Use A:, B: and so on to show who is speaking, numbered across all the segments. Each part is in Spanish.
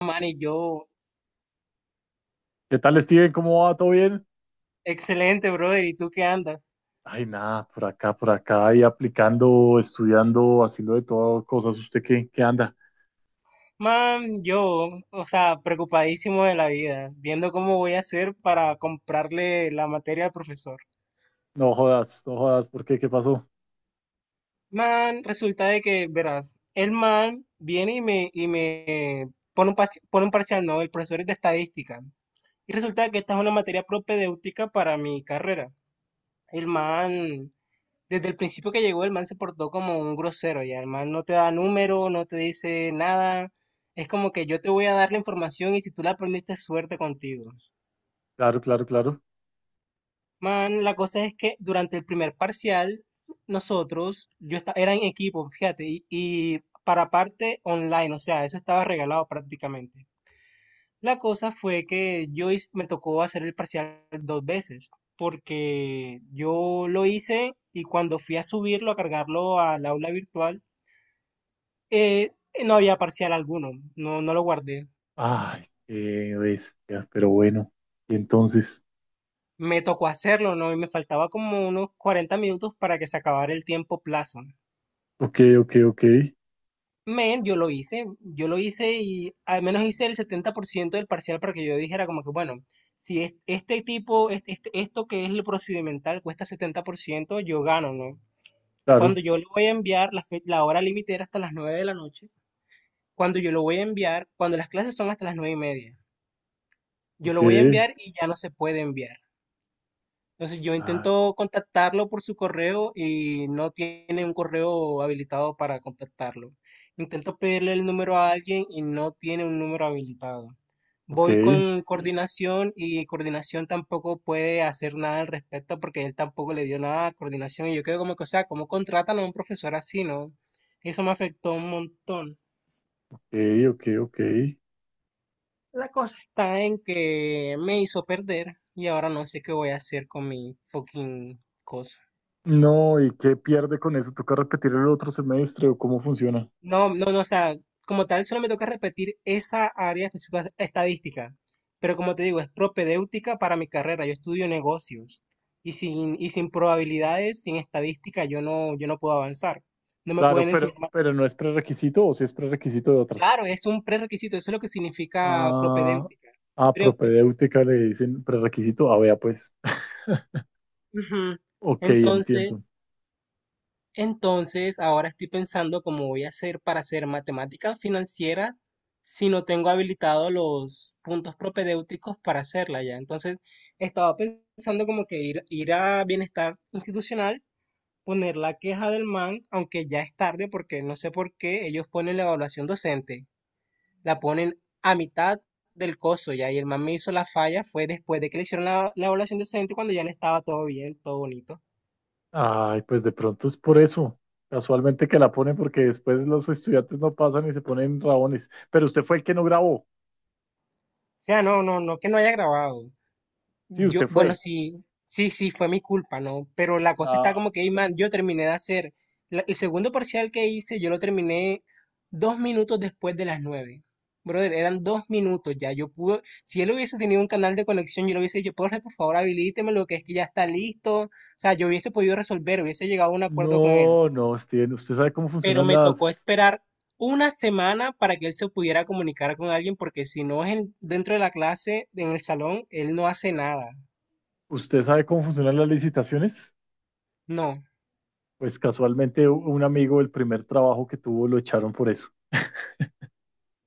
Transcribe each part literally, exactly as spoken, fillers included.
A: Man, y yo,
B: ¿Qué tal, Steven? ¿Cómo va? ¿Todo bien?
A: excelente, brother. ¿Y tú qué andas?
B: Ay, nada, por acá, por acá, y aplicando, estudiando, haciendo de todo, cosas. ¿Usted qué, qué anda?
A: Man, yo, o sea, preocupadísimo de la vida, viendo cómo voy a hacer para comprarle la materia al profesor.
B: No jodas, no jodas, ¿por qué? ¿Qué pasó?
A: Man, resulta de que, verás, el man viene y me, y me pone un, parci- pone un parcial, no, el profesor es de estadística. Y resulta que esta es una materia propedéutica para mi carrera. El man desde el principio que llegó, el man se portó como un grosero, ya el man no te da número, no te dice nada. Es como que yo te voy a dar la información y si tú la aprendiste, suerte contigo.
B: Claro, claro, claro.
A: Man, la cosa es que durante el primer parcial, nosotros, yo esta- era en equipo, fíjate, y, y para parte online, o sea, eso estaba regalado prácticamente. La cosa fue que yo hice- me tocó hacer el parcial dos veces porque yo lo hice y cuando fui a subirlo, a cargarlo al aula virtual, Eh, no había parcial alguno, no, no lo guardé.
B: Ay, qué bestia, pero bueno. Y entonces,
A: Me tocó hacerlo, ¿no? Y me faltaba como unos cuarenta minutos para que se acabara el tiempo plazo.
B: ok, ok, ok,
A: Men, yo lo hice, yo lo hice y al menos hice el setenta por ciento del parcial para que yo dijera como que, bueno, si es- este tipo, este, este- esto que es lo procedimental cuesta setenta por ciento, yo gano, ¿no? Cuando
B: claro,
A: yo le voy a enviar, la, fe- la hora límite era hasta las nueve de la noche, cuando yo lo voy a enviar, cuando las clases son hasta las nueve y media, yo
B: ok,
A: lo voy a enviar y ya no se puede enviar. Entonces yo
B: ah,
A: intento contactarlo por su correo y no tiene un correo habilitado para contactarlo. Intento pedirle el número a alguien y no tiene un número habilitado.
B: ok,
A: Voy con coordinación y coordinación tampoco puede hacer nada al respecto porque él tampoco le dio nada a coordinación y yo quedo como que, o sea, ¿cómo contratan a un profesor así, no? Eso me afectó un montón.
B: ok, ok, ok.
A: La cosa está en que me hizo perder y ahora no sé qué voy a hacer con mi fucking cosa.
B: No, ¿y qué pierde con eso? ¿Toca repetir el otro semestre o cómo funciona?
A: No, no, no, o sea, como tal, solo me toca repetir esa área específica estadística. Pero como te digo, es propedéutica para mi carrera. Yo estudio negocios. Y sin, y sin probabilidades, sin estadística, yo no, yo no puedo avanzar. No me
B: Claro,
A: pueden
B: pero,
A: enseñar más.
B: pero no es prerequisito o si es prerequisito de otras.
A: Claro, es un prerequisito, eso es lo que significa
B: Ah,
A: propedéutica.
B: ah,
A: Pero, pe-
B: propedéutica le dicen prerequisito. Ah, vea, pues.
A: ujú.
B: Ok,
A: Entonces,
B: entiendo.
A: entonces, ahora estoy pensando cómo voy a hacer para hacer matemática financiera si no tengo habilitado los puntos propedéuticos para hacerla ya. Entonces, estaba pensando como que ir, ir a bienestar institucional, poner la queja del MAN, aunque ya es tarde porque no sé por qué ellos ponen la evaluación docente, la ponen a mitad del coso ya, y el MAN me hizo la falla fue después de que le hicieron la, la evaluación docente cuando ya le estaba todo bien, todo bonito.
B: Ay, pues de pronto es por eso. Casualmente que la ponen porque después los estudiantes no pasan y se ponen rabones. Pero usted fue el que no grabó.
A: O sea, no, no, no que no haya grabado.
B: Sí,
A: Yo,
B: usted
A: bueno,
B: fue.
A: sí, sí, sí, fue mi culpa, ¿no? Pero la cosa está
B: Ah,
A: como que, ey, man, yo terminé de hacer la- el segundo parcial que hice, yo lo terminé dos minutos después de las nueve. Brother, eran dos minutos ya. Yo pude, si él hubiese tenido un canal de conexión, yo le hubiese dicho, profe, por favor, habilíteme lo que es que ya está listo. O sea, yo hubiese podido resolver, hubiese llegado a un acuerdo con él.
B: no, no, Steven. ¿Usted sabe cómo
A: Pero
B: funcionan
A: me tocó
B: las...
A: esperar una semana para que él se pudiera comunicar con alguien, porque si no es en- dentro de la clase, en el salón, él no hace nada.
B: ¿Usted sabe cómo funcionan las licitaciones?
A: No,
B: Pues casualmente u- un amigo, el primer trabajo que tuvo, lo echaron por eso.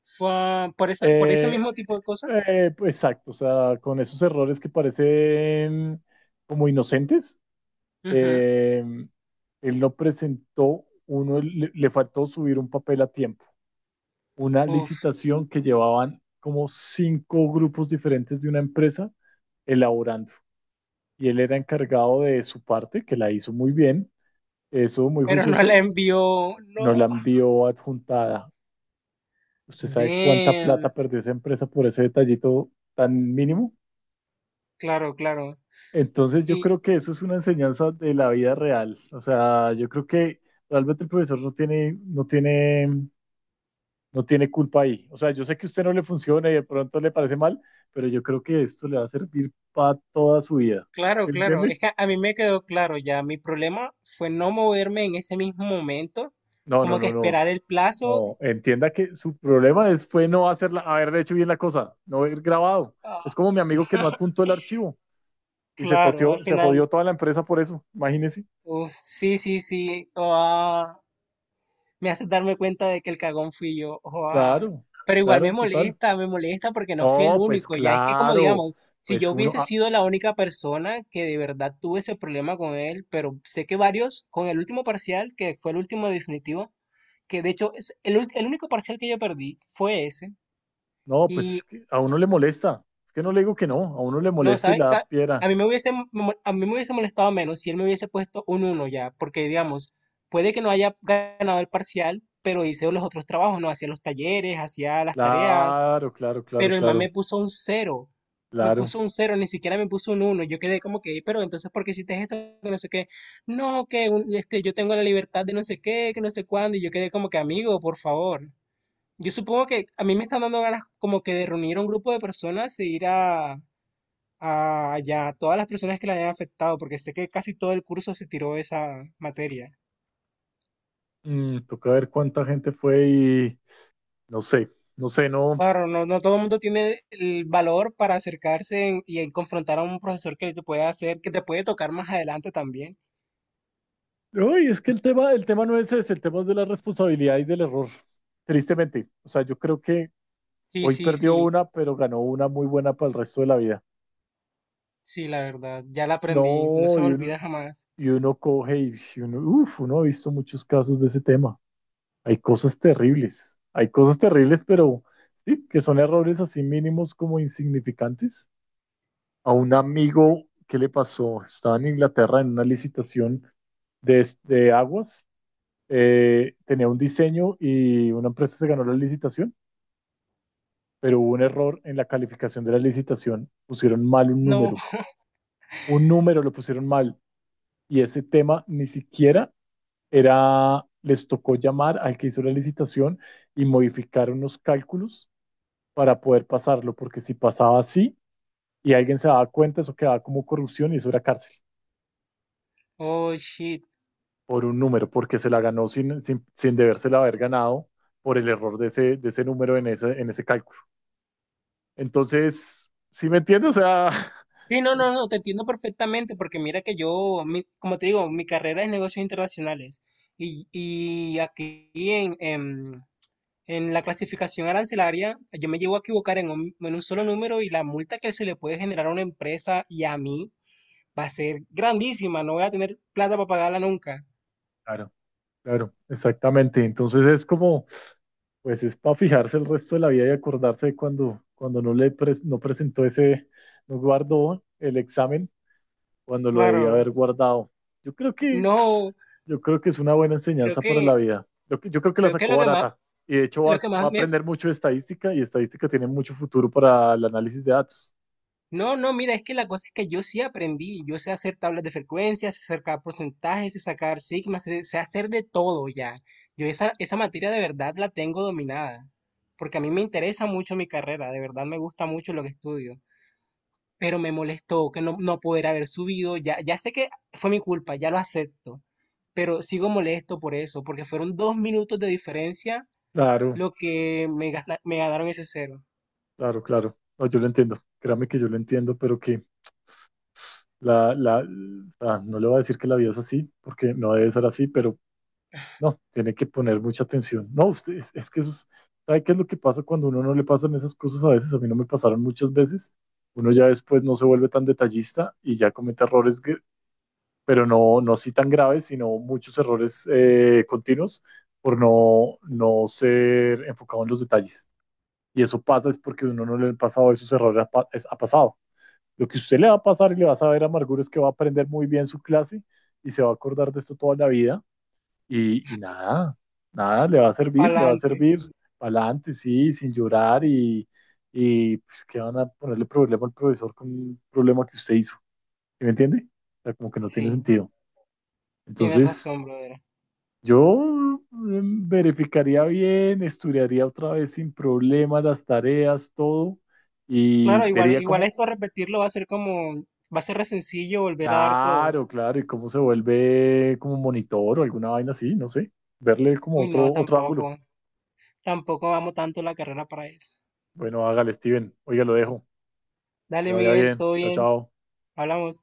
A: fue por esa, por ese
B: Eh,
A: mismo tipo de cosas.
B: Eh, pues, exacto, o sea, con esos errores que parecen como inocentes,
A: Ujú.
B: eh, él no presentó uno, le, le faltó subir un papel a tiempo, una
A: Uf,
B: licitación que llevaban como cinco grupos diferentes de una empresa elaborando, y él era encargado de su parte, que la hizo muy bien, eso muy
A: pero no la
B: juicioso,
A: envió. No.
B: no la envió adjuntada. ¿Usted sabe cuánta plata
A: Damn.
B: perdió esa empresa por ese detallito tan mínimo?
A: Claro, claro.
B: Entonces yo
A: Y
B: creo que eso es una enseñanza de la vida real. O sea, yo creo que realmente el profesor no tiene, no tiene, no tiene culpa ahí. O sea, yo sé que a usted no le funciona y de pronto le parece mal, pero yo creo que esto le va a servir para toda su vida.
A: claro,
B: ¿Sí me
A: claro. Es
B: entiende?
A: que a mí me quedó claro ya. Mi problema fue no moverme en ese mismo momento.
B: No, no,
A: Como que
B: no, no.
A: esperar el plazo.
B: No, entienda que su problema es, fue no hacerla, haber hecho bien la cosa, no haber grabado. Es
A: Ah,
B: como mi amigo que no adjuntó el archivo y se
A: claro, al
B: toteó, se jodió
A: final.
B: toda la empresa por eso. Imagínese.
A: Uf, sí, sí, sí. Ah, me haces darme cuenta de que el cagón fui yo. Joa.
B: Claro,
A: Pero igual me
B: claro, total.
A: molesta, me molesta porque no fui el
B: No, pues
A: único. Ya es que como
B: claro,
A: digamos, si
B: pues
A: yo
B: uno,
A: hubiese
B: ah,
A: sido la única persona que de verdad tuve ese problema con él, pero sé que varios, con el último parcial, que fue el último definitivo, que de hecho es el, ult- el único parcial que yo perdí fue ese.
B: no, pues es
A: Y
B: que a uno le molesta, es que no le digo que no, a uno le
A: no,
B: molesta y la
A: ¿sabes?
B: da
A: Sa- A
B: piedra.
A: mí me hubiese, mo- a mí me hubiese molestado menos si él me hubiese puesto un uno ya, porque digamos, puede que no haya ganado el parcial, pero hice los otros trabajos, no hacía los talleres, hacía las tareas,
B: Claro, claro, claro,
A: pero el man me
B: claro,
A: puso un cero. Me
B: claro.
A: puso un cero, ni siquiera me puso un uno. Yo quedé como que, pero entonces, ¿por qué hiciste esto? Que no sé qué. No, que un- este, yo tengo la libertad de no sé qué, que no sé cuándo, y yo quedé como que, amigo, por favor. Yo supongo que a mí me están dando ganas como que de reunir a un grupo de personas e ir a, a ya todas las personas que la hayan afectado, porque sé que casi todo el curso se tiró esa materia.
B: Mm, toca ver cuánta gente fue y no sé, no sé, no.
A: Claro, no, no todo el mundo tiene el valor para acercarse en- y en confrontar a un profesor que te puede hacer, que te puede tocar más adelante también.
B: Uy, es que el tema, el tema no es ese, el tema es de la responsabilidad y del error, tristemente. O sea, yo creo que
A: Sí,
B: hoy
A: sí,
B: perdió
A: sí,
B: una, pero ganó una muy buena para el resto de la vida.
A: sí, la verdad, ya la aprendí, no se
B: No,
A: me
B: y uno,
A: olvida jamás.
B: y uno coge y y uno, uf, uno ha visto muchos casos de ese tema. Hay cosas terribles, hay cosas terribles, pero sí, que son errores así mínimos como insignificantes. A un amigo, ¿qué le pasó? Estaba en Inglaterra en una licitación de, es- de aguas, eh, tenía un diseño y una empresa se ganó la licitación, pero hubo un error en la calificación de la licitación, pusieron mal un
A: No,
B: número, un número lo pusieron mal y ese tema ni siquiera era, les tocó llamar al que hizo la licitación y modificar unos cálculos para poder pasarlo, porque si pasaba así y alguien se daba cuenta, eso quedaba como corrupción y eso era cárcel
A: oh shit.
B: por un número, porque se la ganó sin, sin, sin debérsela haber ganado por el error de ese, de ese número en ese, en ese cálculo. Entonces, ¿sí me entiendes? O sea,
A: Sí, no, no, no, te entiendo perfectamente, porque mira que yo, mi- como te digo, mi carrera es negocios internacionales. Y, y aquí en, En la clasificación arancelaria, yo me llego a equivocar en un, en un solo número y la multa que se le puede generar a una empresa y a mí va a ser grandísima. No voy a tener plata para pagarla nunca.
B: claro, claro, exactamente. Entonces es como, pues es para fijarse el resto de la vida y acordarse de cuando, cuando no le pres- no presentó ese, no guardó el examen cuando lo debía
A: Claro.
B: haber guardado. Yo creo que
A: No,
B: Yo creo que es una buena
A: creo
B: enseñanza para
A: que,
B: la vida. Yo, yo creo que la
A: creo que
B: sacó
A: lo que más,
B: barata y de hecho va,
A: lo que
B: va
A: más
B: a
A: me...
B: aprender mucho de estadística y estadística tiene mucho futuro para el análisis de datos.
A: No, no, mira, es que la cosa es que yo sí aprendí. Yo sé hacer tablas de frecuencias, sé sacar porcentajes, sé sacar sigmas, sé, sé hacer de todo ya. Yo esa, esa materia de verdad la tengo dominada. Porque a mí me interesa mucho mi carrera, de verdad me gusta mucho lo que estudio. Pero me molestó que no, no poder haber subido. Ya, ya sé que fue mi culpa, ya lo acepto, pero sigo molesto por eso, porque fueron dos minutos de diferencia
B: Claro,
A: lo que me, gasta- me ganaron ese cero.
B: claro, claro. No, yo lo entiendo. Créame que yo lo entiendo, pero que la, la, ah, no le voy a decir que la vida es así, porque no debe ser así, pero no, tiene que poner mucha atención. No, usted, es, es que eso es, ¿sabe qué es lo que pasa cuando a uno no le pasan esas cosas a veces? A mí no me pasaron muchas veces. Uno ya después no se vuelve tan detallista y ya comete errores gr- pero no, no sí tan graves, sino muchos errores eh, continuos por no, no ser enfocado en los detalles. Y eso pasa es porque uno no le ha pasado esos errores, ha, ha pasado. Lo que usted le va a pasar y le va a saber Amargura es que va a aprender muy bien su clase y se va a acordar de esto toda la vida y, y nada, nada, le va a servir, le va a
A: Adelante,
B: servir para adelante, sí, sin llorar y, y pues, que van a ponerle problema al profesor con un problema que usted hizo. ¿Sí ¿Me entiende? O sea, como que no tiene
A: sí,
B: sentido.
A: tienes
B: Entonces,
A: razón, brother.
B: Yo mm, verificaría bien, estudiaría otra vez sin problemas las tareas, todo, y
A: Claro, igual,
B: vería
A: igual
B: cómo,
A: esto repetirlo va a ser como, va a ser re sencillo volver a dar todo.
B: claro, claro, y cómo se vuelve como un monitor o alguna vaina así, no sé, verle como
A: Uy,
B: otro,
A: no,
B: otro ángulo.
A: tampoco, tampoco amo tanto la carrera para eso.
B: Bueno, hágale, Steven, oiga, lo dejo, que
A: Dale,
B: le vaya
A: Miguel,
B: bien,
A: todo
B: chao,
A: bien,
B: chao.
A: hablamos.